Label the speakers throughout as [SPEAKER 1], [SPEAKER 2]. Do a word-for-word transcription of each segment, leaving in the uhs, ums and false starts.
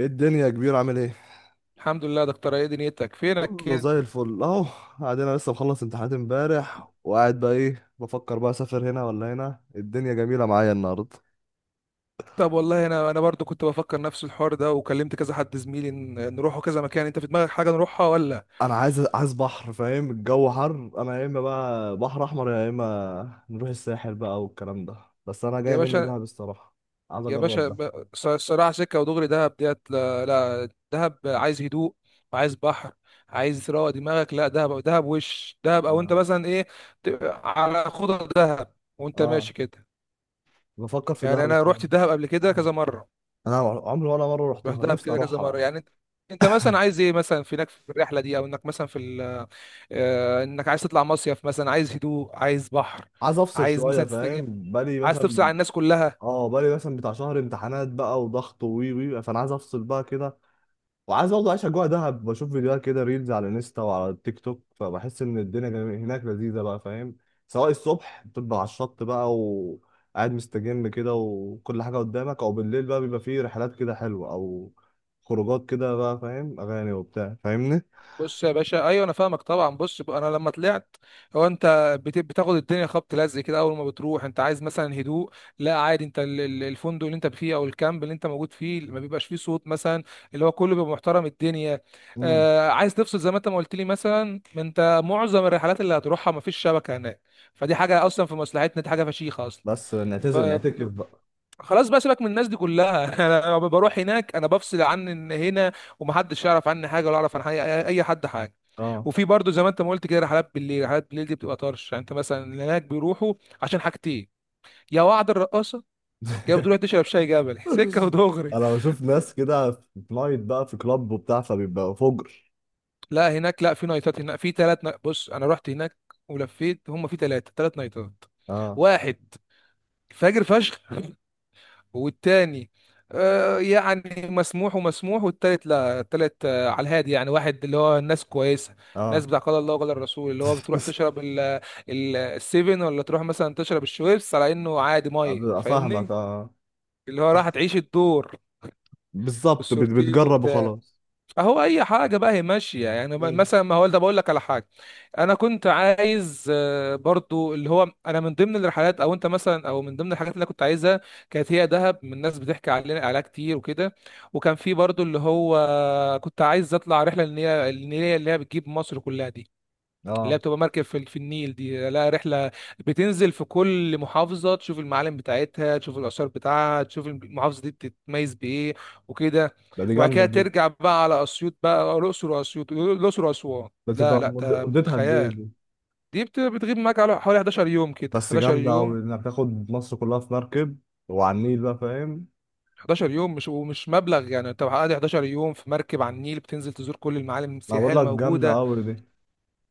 [SPEAKER 1] ايه الدنيا يا كبير، عامل ايه؟
[SPEAKER 2] الحمد لله يا دكتور، ايه دنيتك؟ فينك
[SPEAKER 1] كله
[SPEAKER 2] كده؟
[SPEAKER 1] زي الفل اهو. قاعد انا لسه مخلص امتحانات امبارح، وقاعد بقى ايه بفكر بقى، اسافر هنا ولا هنا؟ الدنيا جميله معايا النهارده.
[SPEAKER 2] طب والله انا انا برضو كنت بفكر نفس الحوار ده، وكلمت كذا حد زميلي إن- نروحوا كذا مكان. انت في دماغك حاجه نروحها ولا؟
[SPEAKER 1] انا عايز عايز بحر، فاهم؟ الجو حر. انا يا اما بقى بحر احمر، يا اما نروح الساحل بقى والكلام ده، بس انا
[SPEAKER 2] يا
[SPEAKER 1] جاي مني
[SPEAKER 2] باشا،
[SPEAKER 1] دهب الصراحه. عايز
[SPEAKER 2] يا
[SPEAKER 1] اجرب
[SPEAKER 2] باشا
[SPEAKER 1] ده.
[SPEAKER 2] ب- ص- صراع، سكه ودغري دهب ديت. لا, لا دهب، عايز هدوء وعايز بحر. عايز تروق دماغك، لا دهب، دهب وش دهب، او انت
[SPEAKER 1] انا
[SPEAKER 2] مثلا ايه؟ ت- على خضر دهب وانت
[SPEAKER 1] اه
[SPEAKER 2] ماشي كده.
[SPEAKER 1] بفكر في دهب
[SPEAKER 2] يعني انا رحت
[SPEAKER 1] الصراحه.
[SPEAKER 2] دهب قبل كده كذا مره،
[SPEAKER 1] انا عمري ولا مره
[SPEAKER 2] رحت
[SPEAKER 1] رحتها،
[SPEAKER 2] دهب
[SPEAKER 1] نفسي
[SPEAKER 2] كده كذا
[SPEAKER 1] اروحها
[SPEAKER 2] مره.
[SPEAKER 1] بقى.
[SPEAKER 2] يعني انت، انت مثلا عايز ايه مثلا في هناك في الرحله دي، او انك مثلا في ال... آه، انك عايز تطلع مصيف مثلا، عايز هدوء، عايز بحر،
[SPEAKER 1] عايز افصل
[SPEAKER 2] عايز
[SPEAKER 1] شويه،
[SPEAKER 2] مثلا تستجم،
[SPEAKER 1] فاهم؟ بقالي
[SPEAKER 2] عايز تفصل عن
[SPEAKER 1] مثلا،
[SPEAKER 2] الناس كلها.
[SPEAKER 1] اه، بقالي مثلا بتاع شهر امتحانات بقى وضغط، وي وي فانا عايز افصل بقى كده. وعايز برضه اعيش اجواء دهب، بشوف فيديوهات كده ريلز على انستا وعلى التيك توك، فبحس ان الدنيا جم- هناك لذيذه بقى، فاهم؟ سواء الصبح بتبقى على الشط بقى وقاعد مستجم كده وكل حاجه قدامك، او بالليل بقى بيبقى فيه رحلات كده حلوه او خروجات كده بقى، فاهم؟ اغاني وبتاع، فاهمني؟
[SPEAKER 2] بص يا باشا، ايوه انا فاهمك طبعا. بص، ب- انا لما طلعت، هو انت بت- بتاخد الدنيا خبط لزق كده. اول ما بتروح انت عايز مثلا هدوء. لا عادي، انت ال- ال- الفندق اللي انت فيه، او الكامب اللي انت موجود فيه، ما بيبقاش فيه صوت مثلا، اللي هو كله بيبقى محترم الدنيا.
[SPEAKER 1] امم.
[SPEAKER 2] آه، عايز تفصل زي ما انت ما قلت لي مثلا. ما انت معظم الرحلات اللي هتروحها ما فيش شبكه هناك، فدي حاجه اصلا في مصلحتنا، دي حاجه فشيخه اصلا.
[SPEAKER 1] بس
[SPEAKER 2] ف...
[SPEAKER 1] نعتزل نعتكف بقى.
[SPEAKER 2] خلاص بقى سيبك من الناس دي كلها. انا لما بروح هناك انا بفصل عن ان هنا، ومحدش يعرف عني حاجه ولا اعرف عن حي- اي حد حاجه.
[SPEAKER 1] اه.
[SPEAKER 2] وفي برضه زي ما انت ما قلت كده رحلات بالليل. رحلات بالليل دي بتبقى طرش. يعني انت مثلا اللي هناك بيروحوا عشان حاجتين، يا وعد الرقاصه، يا بتروح تشرب شاي جبل. سكه ودغري.
[SPEAKER 1] انا بشوف ناس كده في نايت بقى، في كلاب وبتاع فبيبقى فجر.
[SPEAKER 2] لا هناك، لا في نايتات هناك. في ثلاث نا... بص، انا رحت هناك ولفيت، هم في ثلاثه ثلاث نايتات.
[SPEAKER 1] اه.
[SPEAKER 2] واحد فجر فشخ، والتاني آه، يعني مسموح ومسموح. والتالت لا، التالت آه، على الهادي. يعني واحد اللي هو الناس كويسة، الناس
[SPEAKER 1] اه.
[SPEAKER 2] بتاع قال الله وقال الرسول، اللي هو بتروح تشرب ال- ال- السيفن، ولا تروح مثلا تشرب الشويبس على انه عادي
[SPEAKER 1] أب-
[SPEAKER 2] مية، فاهمني؟
[SPEAKER 1] افهمك، اه.
[SPEAKER 2] اللي هو راح تعيش الدور
[SPEAKER 1] بالظبط، بت-
[SPEAKER 2] والسورتين
[SPEAKER 1] بتجرب
[SPEAKER 2] وبتاع.
[SPEAKER 1] وخلاص.
[SPEAKER 2] اهو اي حاجه بقى هي ماشيه. يعني بقى-
[SPEAKER 1] مم.
[SPEAKER 2] مثلا ما هو ده بقول لك على حاجه. انا كنت عايز آه، برضو اللي هو، انا من ضمن الرحلات او انت مثلا، او من ضمن الحاجات اللي انا كنت عايزها كانت هي دهب، من الناس بتحكي علينا عليها كتير وكده. وكان في برضو اللي هو، كنت عايز اطلع رحله النيله. النيله اللي هي بتجيب مصر كلها دي، اللي هي
[SPEAKER 1] اه.
[SPEAKER 2] بتبقى مركب في في النيل، دي لا رحلة بتنزل في كل محافظة، تشوف المعالم بتاعتها، تشوف الآثار بتاعها، تشوف المحافظة دي بتتميز بإيه وكده.
[SPEAKER 1] ده دي
[SPEAKER 2] وبعد
[SPEAKER 1] جامده
[SPEAKER 2] كده
[SPEAKER 1] دي.
[SPEAKER 2] ترجع بقى على أسيوط بقى، الأقصر وأسيوط، الأقصر وأسوان.
[SPEAKER 1] بس
[SPEAKER 2] لا
[SPEAKER 1] يبقى
[SPEAKER 2] لا
[SPEAKER 1] مد-
[SPEAKER 2] ده
[SPEAKER 1] مدتها قد ايه
[SPEAKER 2] خيال.
[SPEAKER 1] دي؟
[SPEAKER 2] دي بت- بتغيب معاك على حوالي حداشر يوم كده،
[SPEAKER 1] بس
[SPEAKER 2] حداشر
[SPEAKER 1] جامده
[SPEAKER 2] يوم.
[SPEAKER 1] قوي انك تاخد مصر كلها في مركب وعلى النيل بقى، فاهم؟
[SPEAKER 2] حداشر يوم مش ومش مبلغ. يعني انت قاعد حداشر يوم في مركب على النيل، بتنزل تزور كل المعالم
[SPEAKER 1] انا
[SPEAKER 2] السياحية
[SPEAKER 1] بقول لك جامده
[SPEAKER 2] الموجودة.
[SPEAKER 1] قوي دي.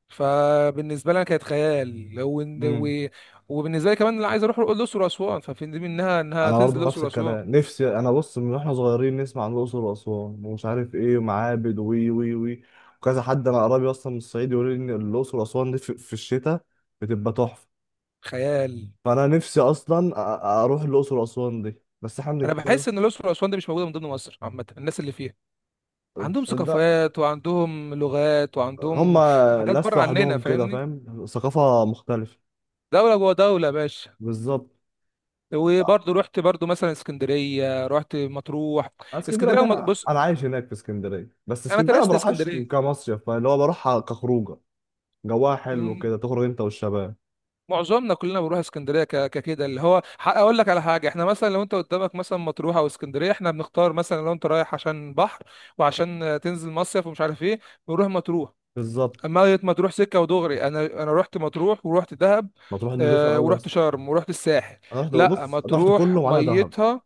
[SPEAKER 2] فبالنسبه لي أنا كانت خيال لو إن-
[SPEAKER 1] امم.
[SPEAKER 2] و... وبالنسبه لي كمان اللي عايز اروح الاقصر واسوان، ففي دي منها انها
[SPEAKER 1] انا
[SPEAKER 2] تنزل
[SPEAKER 1] برضه
[SPEAKER 2] الاقصر
[SPEAKER 1] نفس
[SPEAKER 2] واسوان.
[SPEAKER 1] الكلام، نفسي انا. بص، من واحنا صغيرين نسمع عن الاقصر واسوان ومش عارف ايه ومعابد، وي وي وي وكذا حد، انا قريبي اصلا من الصعيد يقول لي ان الاقصر واسوان دي في في الشتاء بتبقى تحفه.
[SPEAKER 2] خيال.
[SPEAKER 1] فانا نفسي اصلا أ- أ- اروح الاقصر واسوان دي. بس احنا
[SPEAKER 2] انا
[SPEAKER 1] بنتكلم.
[SPEAKER 2] بحس ان الاقصر واسوان دي مش موجوده من ضمن مصر عامه. الناس اللي فيها عندهم
[SPEAKER 1] ده.
[SPEAKER 2] ثقافات وعندهم لغات
[SPEAKER 1] هم.
[SPEAKER 2] وعندهم حاجات
[SPEAKER 1] ناس
[SPEAKER 2] بره عننا،
[SPEAKER 1] لوحدهم كده،
[SPEAKER 2] فاهمني؟
[SPEAKER 1] فاهم؟ ثقافه مختلفه.
[SPEAKER 2] دوله جوه دوله يا باشا.
[SPEAKER 1] بالظبط.
[SPEAKER 2] وبرضه رحت برضه مثلا اسكندريه، رحت مطروح.
[SPEAKER 1] اسكندريه
[SPEAKER 2] اسكندريه
[SPEAKER 1] ده،
[SPEAKER 2] وم-
[SPEAKER 1] انا
[SPEAKER 2] بص،
[SPEAKER 1] أنا عايش هناك في اسكندريه. بس
[SPEAKER 2] انا
[SPEAKER 1] اسكندريه ما
[SPEAKER 2] درست
[SPEAKER 1] بروحهاش ك-
[SPEAKER 2] اسكندريه.
[SPEAKER 1] كمصيف، فاللي هو بروحها كخروجه. جواها حلو كده تخرج انت والشباب.
[SPEAKER 2] معظمنا كلنا بنروح اسكندريه ك- ككده. اللي هو ح- اقول لك على حاجه، احنا مثلا لو انت قدامك مثلا مطروح او اسكندريه، احنا بنختار مثلا لو انت رايح عشان بحر وعشان آه، تنزل مصيف ومش عارف ايه، بنروح مطروح.
[SPEAKER 1] بالظبط.
[SPEAKER 2] اما مطروح سكه ودغري. انا انا رحت مطروح، ورحت دهب
[SPEAKER 1] ما تروح، نضيفه
[SPEAKER 2] آه،
[SPEAKER 1] قوي
[SPEAKER 2] ورحت
[SPEAKER 1] اصلا.
[SPEAKER 2] شرم، ورحت الساحل.
[SPEAKER 1] انا رحت،
[SPEAKER 2] لا
[SPEAKER 1] بص، انا رحت
[SPEAKER 2] مطروح
[SPEAKER 1] كله ما عدا دهب.
[SPEAKER 2] ميتها،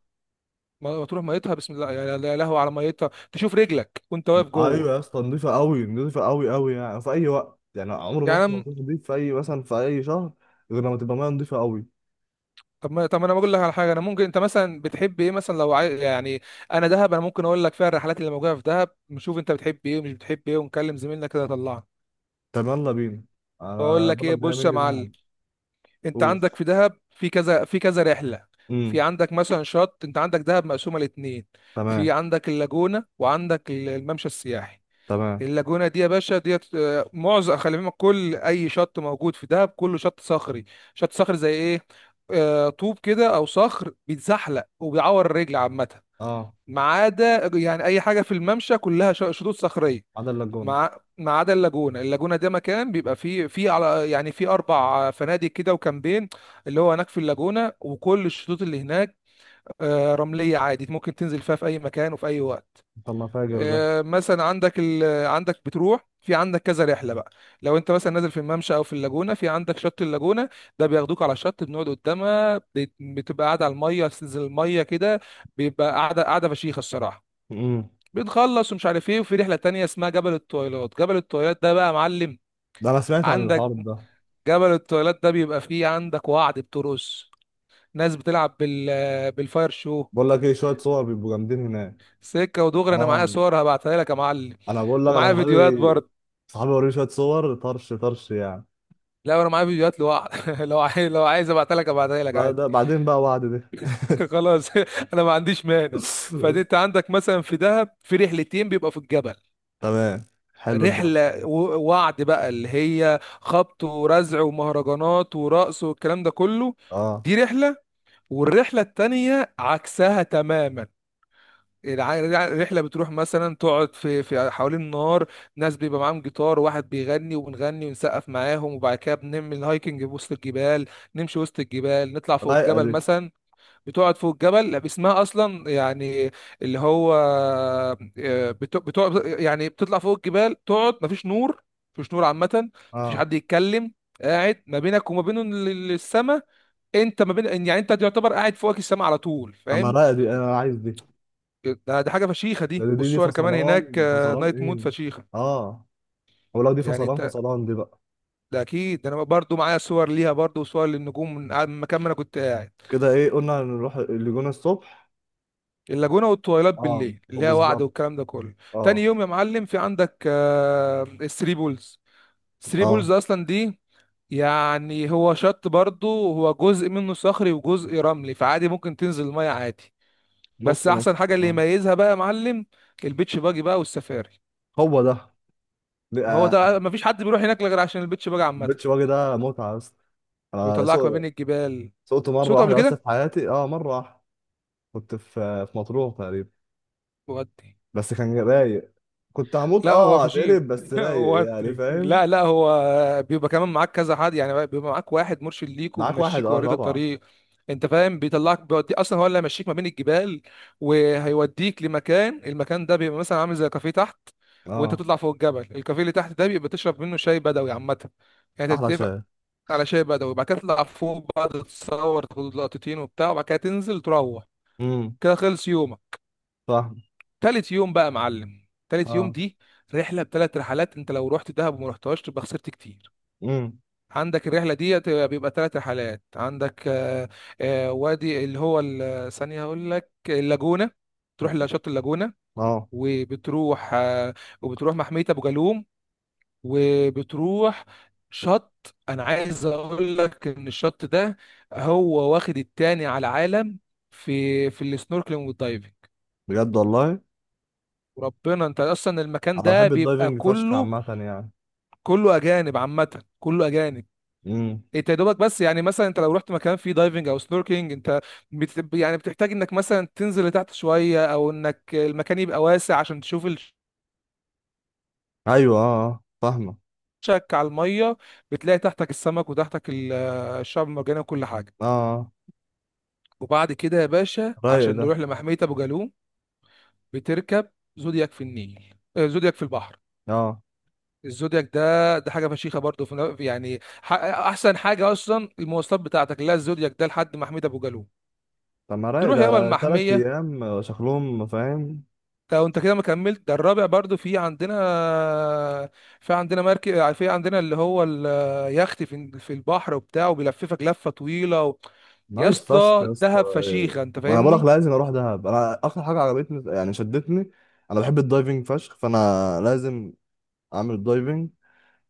[SPEAKER 2] مطروح ميتها بسم الله، يا يا لهوي على ميتها، تشوف رجلك وانت واقف
[SPEAKER 1] ايوه يا
[SPEAKER 2] جوه
[SPEAKER 1] اسطى، نضيفه قوي، نضيفه قوي قوي. يعني في اي وقت، يعني عمري ما رحت
[SPEAKER 2] يعني.
[SPEAKER 1] مكان نضيف في اي مثلا في اي شهر غير لما تبقى ميه نضيفه قوي.
[SPEAKER 2] طب ما طب ما انا بقول لك على حاجه. انا ممكن انت مثلا بتحب ايه مثلا لو عاي... يعني انا دهب، انا ممكن اقول لك فيها الرحلات اللي موجوده في دهب، نشوف انت بتحب ايه ومش بتحب ايه، ونكلم زميلنا كده يطلعنا.
[SPEAKER 1] طب يلا بينا.
[SPEAKER 2] بقول
[SPEAKER 1] انا
[SPEAKER 2] لك
[SPEAKER 1] بقولك
[SPEAKER 2] ايه،
[SPEAKER 1] جاي
[SPEAKER 2] بص يا
[SPEAKER 1] مني
[SPEAKER 2] معلم،
[SPEAKER 1] ذهب.
[SPEAKER 2] انت
[SPEAKER 1] اوف.
[SPEAKER 2] عندك في دهب في كذا في كذا رحله. في
[SPEAKER 1] امم.
[SPEAKER 2] عندك مثلا شط، انت عندك دهب مقسومه لاتنين. في
[SPEAKER 1] تمام.
[SPEAKER 2] عندك اللاجونه، وعندك ال- الممشى السياحي.
[SPEAKER 1] تمام.
[SPEAKER 2] اللاجونة دي يا باشا ديت آه، معظم، خلي بالك كل أي شط موجود في دهب كله شط صخري. شط صخري زي إيه؟ آه، طوب كده أو صخر بيتزحلق وبيعور الرجل عامة.
[SPEAKER 1] اه،
[SPEAKER 2] ما عدا يعني أي حاجة في الممشى كلها ش- شطوط صخرية،
[SPEAKER 1] عدا اللاجون.
[SPEAKER 2] مع ما عدا اللاجونة. اللاجونة ده مكان بيبقى فيه، فيه على يعني فيه أربع فنادق كده وكامبين اللي هو هناك في اللاجونة. وكل الشطوط اللي هناك آه، رملية عادي، ممكن تنزل فيها في أي مكان وفي أي وقت.
[SPEAKER 1] طب ما فاجر ده.
[SPEAKER 2] آه، مثلا عندك ال... عندك بتروح، في عندك كذا رحله بقى. لو انت مثلا نازل في الممشى او في اللاجونه، في عندك شط اللاجونه. ده بياخدوك على الشط، بنقعد قدامها، بت- بتبقى قاعده على الميه، بتنزل الميه كده، بيبقى قاعده قاعده فشيخه الصراحه.
[SPEAKER 1] امم.
[SPEAKER 2] بنخلص ومش عارف ايه، وفي رحله تانية اسمها جبل الطويلات. جبل الطويلات ده بقى يا معلم،
[SPEAKER 1] ده انا سمعت عن الحوار
[SPEAKER 2] عندك
[SPEAKER 1] ده.
[SPEAKER 2] جبل الطويلات ده بيبقى فيه عندك وعد بترقص، ناس بتلعب بال بالفاير شو.
[SPEAKER 1] بقول لك ايه، شويه صور بيبقوا جامدين هناك.
[SPEAKER 2] سكه ودغري، انا معايا
[SPEAKER 1] اه.
[SPEAKER 2] صور هبعتها لك يا معلم،
[SPEAKER 1] انا بقول لك،
[SPEAKER 2] ومعايا
[SPEAKER 1] انا
[SPEAKER 2] فيديوهات
[SPEAKER 1] صحابي.
[SPEAKER 2] برضه.
[SPEAKER 1] صحابي، وريني شويه صور، طرش طرش يعني.
[SPEAKER 2] لا انا معايا فيديوهات لوحده. لو عايز، لو عايز ابعتها لك ابعتها لك
[SPEAKER 1] بقى
[SPEAKER 2] عادي.
[SPEAKER 1] ده بعدين بقى، وعد دي.
[SPEAKER 2] خلاص. انا ما عنديش مانع. فدي، انت عندك مثلا في دهب في رحلتين بيبقى في الجبل.
[SPEAKER 1] تمام. حلو الجبل.
[SPEAKER 2] رحله و- وعد بقى، اللي هي خبط ورزع ومهرجانات ورقص والكلام ده كله.
[SPEAKER 1] اه.
[SPEAKER 2] دي رحله. والرحله التانيه عكسها تماما. الع- الرحله بتروح مثلا تقعد في في حوالين النار. ناس بيبقى معاهم جيتار، واحد بيغني وبنغني ونسقف معاهم. وبعد كده بنعمل الهايكنج وسط الجبال، نمشي وسط الجبال، نطلع فوق
[SPEAKER 1] رايقه
[SPEAKER 2] الجبل
[SPEAKER 1] دي.
[SPEAKER 2] مثلا. بتقعد فوق الجبل، اسمها اصلا يعني اللي هو آه، بت- بتقعد يعني بتطلع فوق الجبال، تقعد مفيش نور، مفيش نور عامه، مفيش
[SPEAKER 1] اه.
[SPEAKER 2] حد يتكلم. قاعد ما بينك وما بين السماء. انت ما بين، يعني انت تعتبر قاعد فوقك السماء على طول،
[SPEAKER 1] طب ما
[SPEAKER 2] فاهم؟
[SPEAKER 1] رايقه دي، انا عايز دي.
[SPEAKER 2] ده دي حاجه فشيخه
[SPEAKER 1] ده،
[SPEAKER 2] دي.
[SPEAKER 1] دي دي, دي
[SPEAKER 2] والصور كمان هناك
[SPEAKER 1] فصلان
[SPEAKER 2] آه،
[SPEAKER 1] فصلان
[SPEAKER 2] نايت مود
[SPEAKER 1] ايه.
[SPEAKER 2] فشيخه.
[SPEAKER 1] اه. ولو دي
[SPEAKER 2] يعني
[SPEAKER 1] فصلان
[SPEAKER 2] انت،
[SPEAKER 1] فصلان دي بقى.
[SPEAKER 2] ده اكيد، ده انا برضو معايا صور ليها برضو، وصور للنجوم من قاعد- من المكان ما انا كنت قاعد.
[SPEAKER 1] كده ايه، قلنا نروح الجونة الصبح.
[SPEAKER 2] اللاجونه والتويلات
[SPEAKER 1] اه.
[SPEAKER 2] بالليل اللي هي وعد
[SPEAKER 1] وبالظبط.
[SPEAKER 2] والكلام ده كله. تاني
[SPEAKER 1] اه.
[SPEAKER 2] يوم يا معلم في عندك آه، الثري بولز. الثري
[SPEAKER 1] اه.
[SPEAKER 2] بولز اصلا دي يعني، هو شط برضو، هو جزء منه صخري وجزء رملي، فعادي ممكن تنزل الميه عادي. بس
[SPEAKER 1] نص نص.
[SPEAKER 2] احسن حاجه اللي
[SPEAKER 1] اه.
[SPEAKER 2] يميزها بقى يا معلم البيتش باجي بقى والسفاري.
[SPEAKER 1] هو ده.
[SPEAKER 2] هو
[SPEAKER 1] لا.
[SPEAKER 2] ده، مفيش حد بيروح هناك غير عشان البيتش باجي عامه.
[SPEAKER 1] البيتش باجي ده متعة بس. انا
[SPEAKER 2] بيطلعك ما بين
[SPEAKER 1] سوق
[SPEAKER 2] الجبال،
[SPEAKER 1] سوقت مرة
[SPEAKER 2] صوته قبل
[SPEAKER 1] واحدة بس في
[SPEAKER 2] كده.
[SPEAKER 1] حياتي، اه مرة واحدة. كنت في في مطروح تقريبا.
[SPEAKER 2] ودي
[SPEAKER 1] بس كان رايق. كنت هموت
[SPEAKER 2] لا هو
[SPEAKER 1] اه
[SPEAKER 2] فشيخ.
[SPEAKER 1] اتقلب، بس رايق يعني،
[SPEAKER 2] ودي
[SPEAKER 1] فاهم؟
[SPEAKER 2] لا لا هو بيبقى كمان معاك كذا حد، يعني بيبقى معاك واحد مرشد ليك
[SPEAKER 1] معاك واحد،
[SPEAKER 2] وبيمشيك
[SPEAKER 1] اه
[SPEAKER 2] ويوريك
[SPEAKER 1] طبعا.
[SPEAKER 2] الطريق. انت فاهم، بيطلعك بيودي، اصلا هو اللي هيمشيك ما بين الجبال وهيوديك لمكان. المكان ده بيبقى مثلا عامل زي كافيه تحت، وانت
[SPEAKER 1] اه.
[SPEAKER 2] بتطلع فوق الجبل. الكافيه اللي تحت ده بيبقى تشرب منه شاي بدوي عامه. يعني
[SPEAKER 1] احلى
[SPEAKER 2] تتفق
[SPEAKER 1] شاي.
[SPEAKER 2] على شاي بدوي، وبعد كده تطلع فوق بقى تتصور تاخد لقطتين وبتاع، وبعد كده تنزل تروح.
[SPEAKER 1] امم.
[SPEAKER 2] كده خلص يوم.
[SPEAKER 1] فاهم.
[SPEAKER 2] تالت يوم بقى يا معلم، تالت يوم
[SPEAKER 1] اه.
[SPEAKER 2] دي رحله بثلاث رحلات. انت لو رحت دهب وما رحتهاش تبقى خسرت كتير.
[SPEAKER 1] امم.
[SPEAKER 2] عندك الرحله دي تبقى- بيبقى ثلاث رحلات. عندك آه، آه، وادي، اللي هو ال- ثانيه هقول لك اللاجونه، تروح لشط اللاجونه.
[SPEAKER 1] اه.
[SPEAKER 2] وبتروح آه، وبتروح محميه ابو جالوم. وبتروح شط، انا عايز اقول لك ان الشط ده هو واخد التاني على العالم في في السنوركلينج والدايفنج.
[SPEAKER 1] بجد والله.
[SPEAKER 2] وربنا انت اصلا، المكان
[SPEAKER 1] انا
[SPEAKER 2] ده
[SPEAKER 1] بحب
[SPEAKER 2] بيبقى
[SPEAKER 1] الدايفنج فشخ
[SPEAKER 2] كله،
[SPEAKER 1] عامة يعني.
[SPEAKER 2] كله اجانب عامه، كله اجانب.
[SPEAKER 1] مم.
[SPEAKER 2] انت يا دوبك بس يعني، مثلا انت لو رحت مكان فيه دايفنج او سنوركينج، انت بت... يعني بتحتاج انك مثلا تنزل لتحت شويه، او انك المكان يبقى واسع عشان تشوف
[SPEAKER 1] ايوه، اه، آه، فاهمه.
[SPEAKER 2] الشك على الميه، بتلاقي تحتك السمك وتحتك ال- الشعب المرجاني وكل حاجه.
[SPEAKER 1] اه. آه،
[SPEAKER 2] وبعد كده يا باشا
[SPEAKER 1] رايق
[SPEAKER 2] عشان
[SPEAKER 1] ده.
[SPEAKER 2] نروح لمحميه ابو جالوم، بتركب زودياك في النيل آه، زودياك في البحر.
[SPEAKER 1] اه.
[SPEAKER 2] الزودياك ده، ده حاجه فشيخه برضه، في ن- يعني ح- احسن حاجه اصلا المواصلات بتاعتك اللي هي الزودياك ده لحد محميه ابو جالوم.
[SPEAKER 1] طب ما رايق
[SPEAKER 2] نروح يابا
[SPEAKER 1] ده، تلات
[SPEAKER 2] المحمية.
[SPEAKER 1] ايام شكلهم، فاهم؟
[SPEAKER 2] لو انت كده ما كملت ده الرابع برضو في عندنا، في عندنا مركب، في عندنا اللي هو اليخت في في البحر وبتاع وبيلففك لفة طويلة و... يا
[SPEAKER 1] نايس فشخ
[SPEAKER 2] اسطى
[SPEAKER 1] يا اسطى.
[SPEAKER 2] دهب
[SPEAKER 1] إيه.
[SPEAKER 2] فشيخة، انت
[SPEAKER 1] وانا بقول لك
[SPEAKER 2] فاهمني.
[SPEAKER 1] لازم اروح دهب، انا اكتر حاجه عجبتني يعني شدتني، انا بحب الدايفنج فشخ، فانا لازم اعمل دايفنج.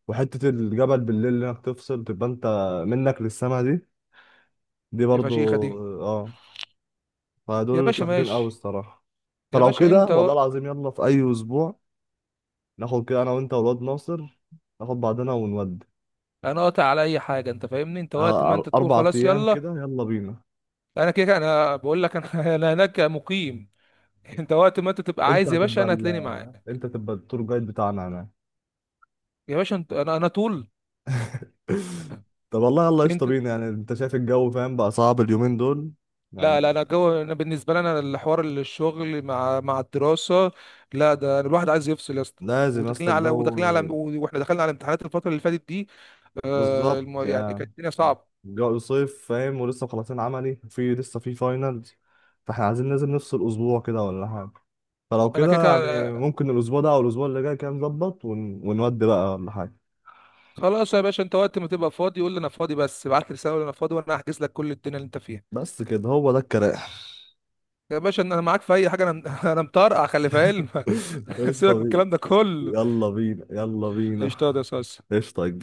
[SPEAKER 1] وحته الجبل بالليل اللي انك تفصل، تبقى انت منك للسما دي. دي
[SPEAKER 2] دي
[SPEAKER 1] برضو.
[SPEAKER 2] فشيخة دي.
[SPEAKER 1] اه.
[SPEAKER 2] يا
[SPEAKER 1] فدول
[SPEAKER 2] باشا
[SPEAKER 1] فاجرين قوي
[SPEAKER 2] ماشي.
[SPEAKER 1] الصراحه.
[SPEAKER 2] يا
[SPEAKER 1] فلو
[SPEAKER 2] باشا
[SPEAKER 1] كده
[SPEAKER 2] انت
[SPEAKER 1] والله
[SPEAKER 2] و...
[SPEAKER 1] العظيم، يلا، في اي اسبوع ناخد كده انا وانت والواد ناصر، ناخد بعضنا ونودي.
[SPEAKER 2] انا قاطع على اي حاجة انت فاهمني. انت وقت ما
[SPEAKER 1] آه، أر-
[SPEAKER 2] انت تقول
[SPEAKER 1] اربع
[SPEAKER 2] خلاص
[SPEAKER 1] ايام
[SPEAKER 2] يلا.
[SPEAKER 1] كده، يلا بينا.
[SPEAKER 2] انا كده كده- انا بقول لك انا. انا هناك مقيم. انت وقت ما انت تبقى
[SPEAKER 1] انت
[SPEAKER 2] عايز يا باشا
[SPEAKER 1] هتبقى
[SPEAKER 2] انا
[SPEAKER 1] ال...
[SPEAKER 2] هتلاقيني معاك.
[SPEAKER 1] انت هتبقى التور جايد بتاعنا هناك.
[SPEAKER 2] يا باشا انت، انا انا طول
[SPEAKER 1] طب والله يلا قشطة
[SPEAKER 2] انت.
[SPEAKER 1] بينا، يعني انت شايف الجو، فاهم بقى؟ صعب اليومين دول
[SPEAKER 2] لا لا
[SPEAKER 1] يعني.
[SPEAKER 2] انا جو. انا بالنسبه لي انا الحوار الشغل مع مع الدراسه. لا ده أنا الواحد عايز يفصل يا اسطى.
[SPEAKER 1] لازم يا اسطى
[SPEAKER 2] وداخلين على وداخلين على،
[SPEAKER 1] الجو.
[SPEAKER 2] واحنا دخلنا على امتحانات الفتره اللي فاتت دي آه
[SPEAKER 1] بالظبط
[SPEAKER 2] الم... يعني
[SPEAKER 1] يعني.
[SPEAKER 2] كانت الدنيا صعبه.
[SPEAKER 1] الجو صيف، فاهم؟ ولسه مخلصين عملي، في لسه في فاينلز. فاحنا عايزين لازم نفصل اسبوع كده ولا حاجة. فلو
[SPEAKER 2] انا كده
[SPEAKER 1] كده
[SPEAKER 2] كده-
[SPEAKER 1] يعني، ممكن الاسبوع ده او الاسبوع اللي جاي كده نظبط ون... ونودي بقى ولا حاجة.
[SPEAKER 2] خلاص يا باشا، انت وقت ما تبقى فاضي قول لي انا فاضي. بس ابعت لي رساله قول لي انا فاضي، وانا هحجز لك كل الدنيا اللي انت فيها.
[SPEAKER 1] بس كده، هو ده الكلام.
[SPEAKER 2] يا باشا انا معاك في اي حاجه انا. انا مطرقع، خلي في علمك.
[SPEAKER 1] ايش
[SPEAKER 2] سيبك
[SPEAKER 1] طب.
[SPEAKER 2] من الكلام ده كله.
[SPEAKER 1] يلا بينا، يلا بينا.
[SPEAKER 2] اشتغل يا صاص.
[SPEAKER 1] ايش طق.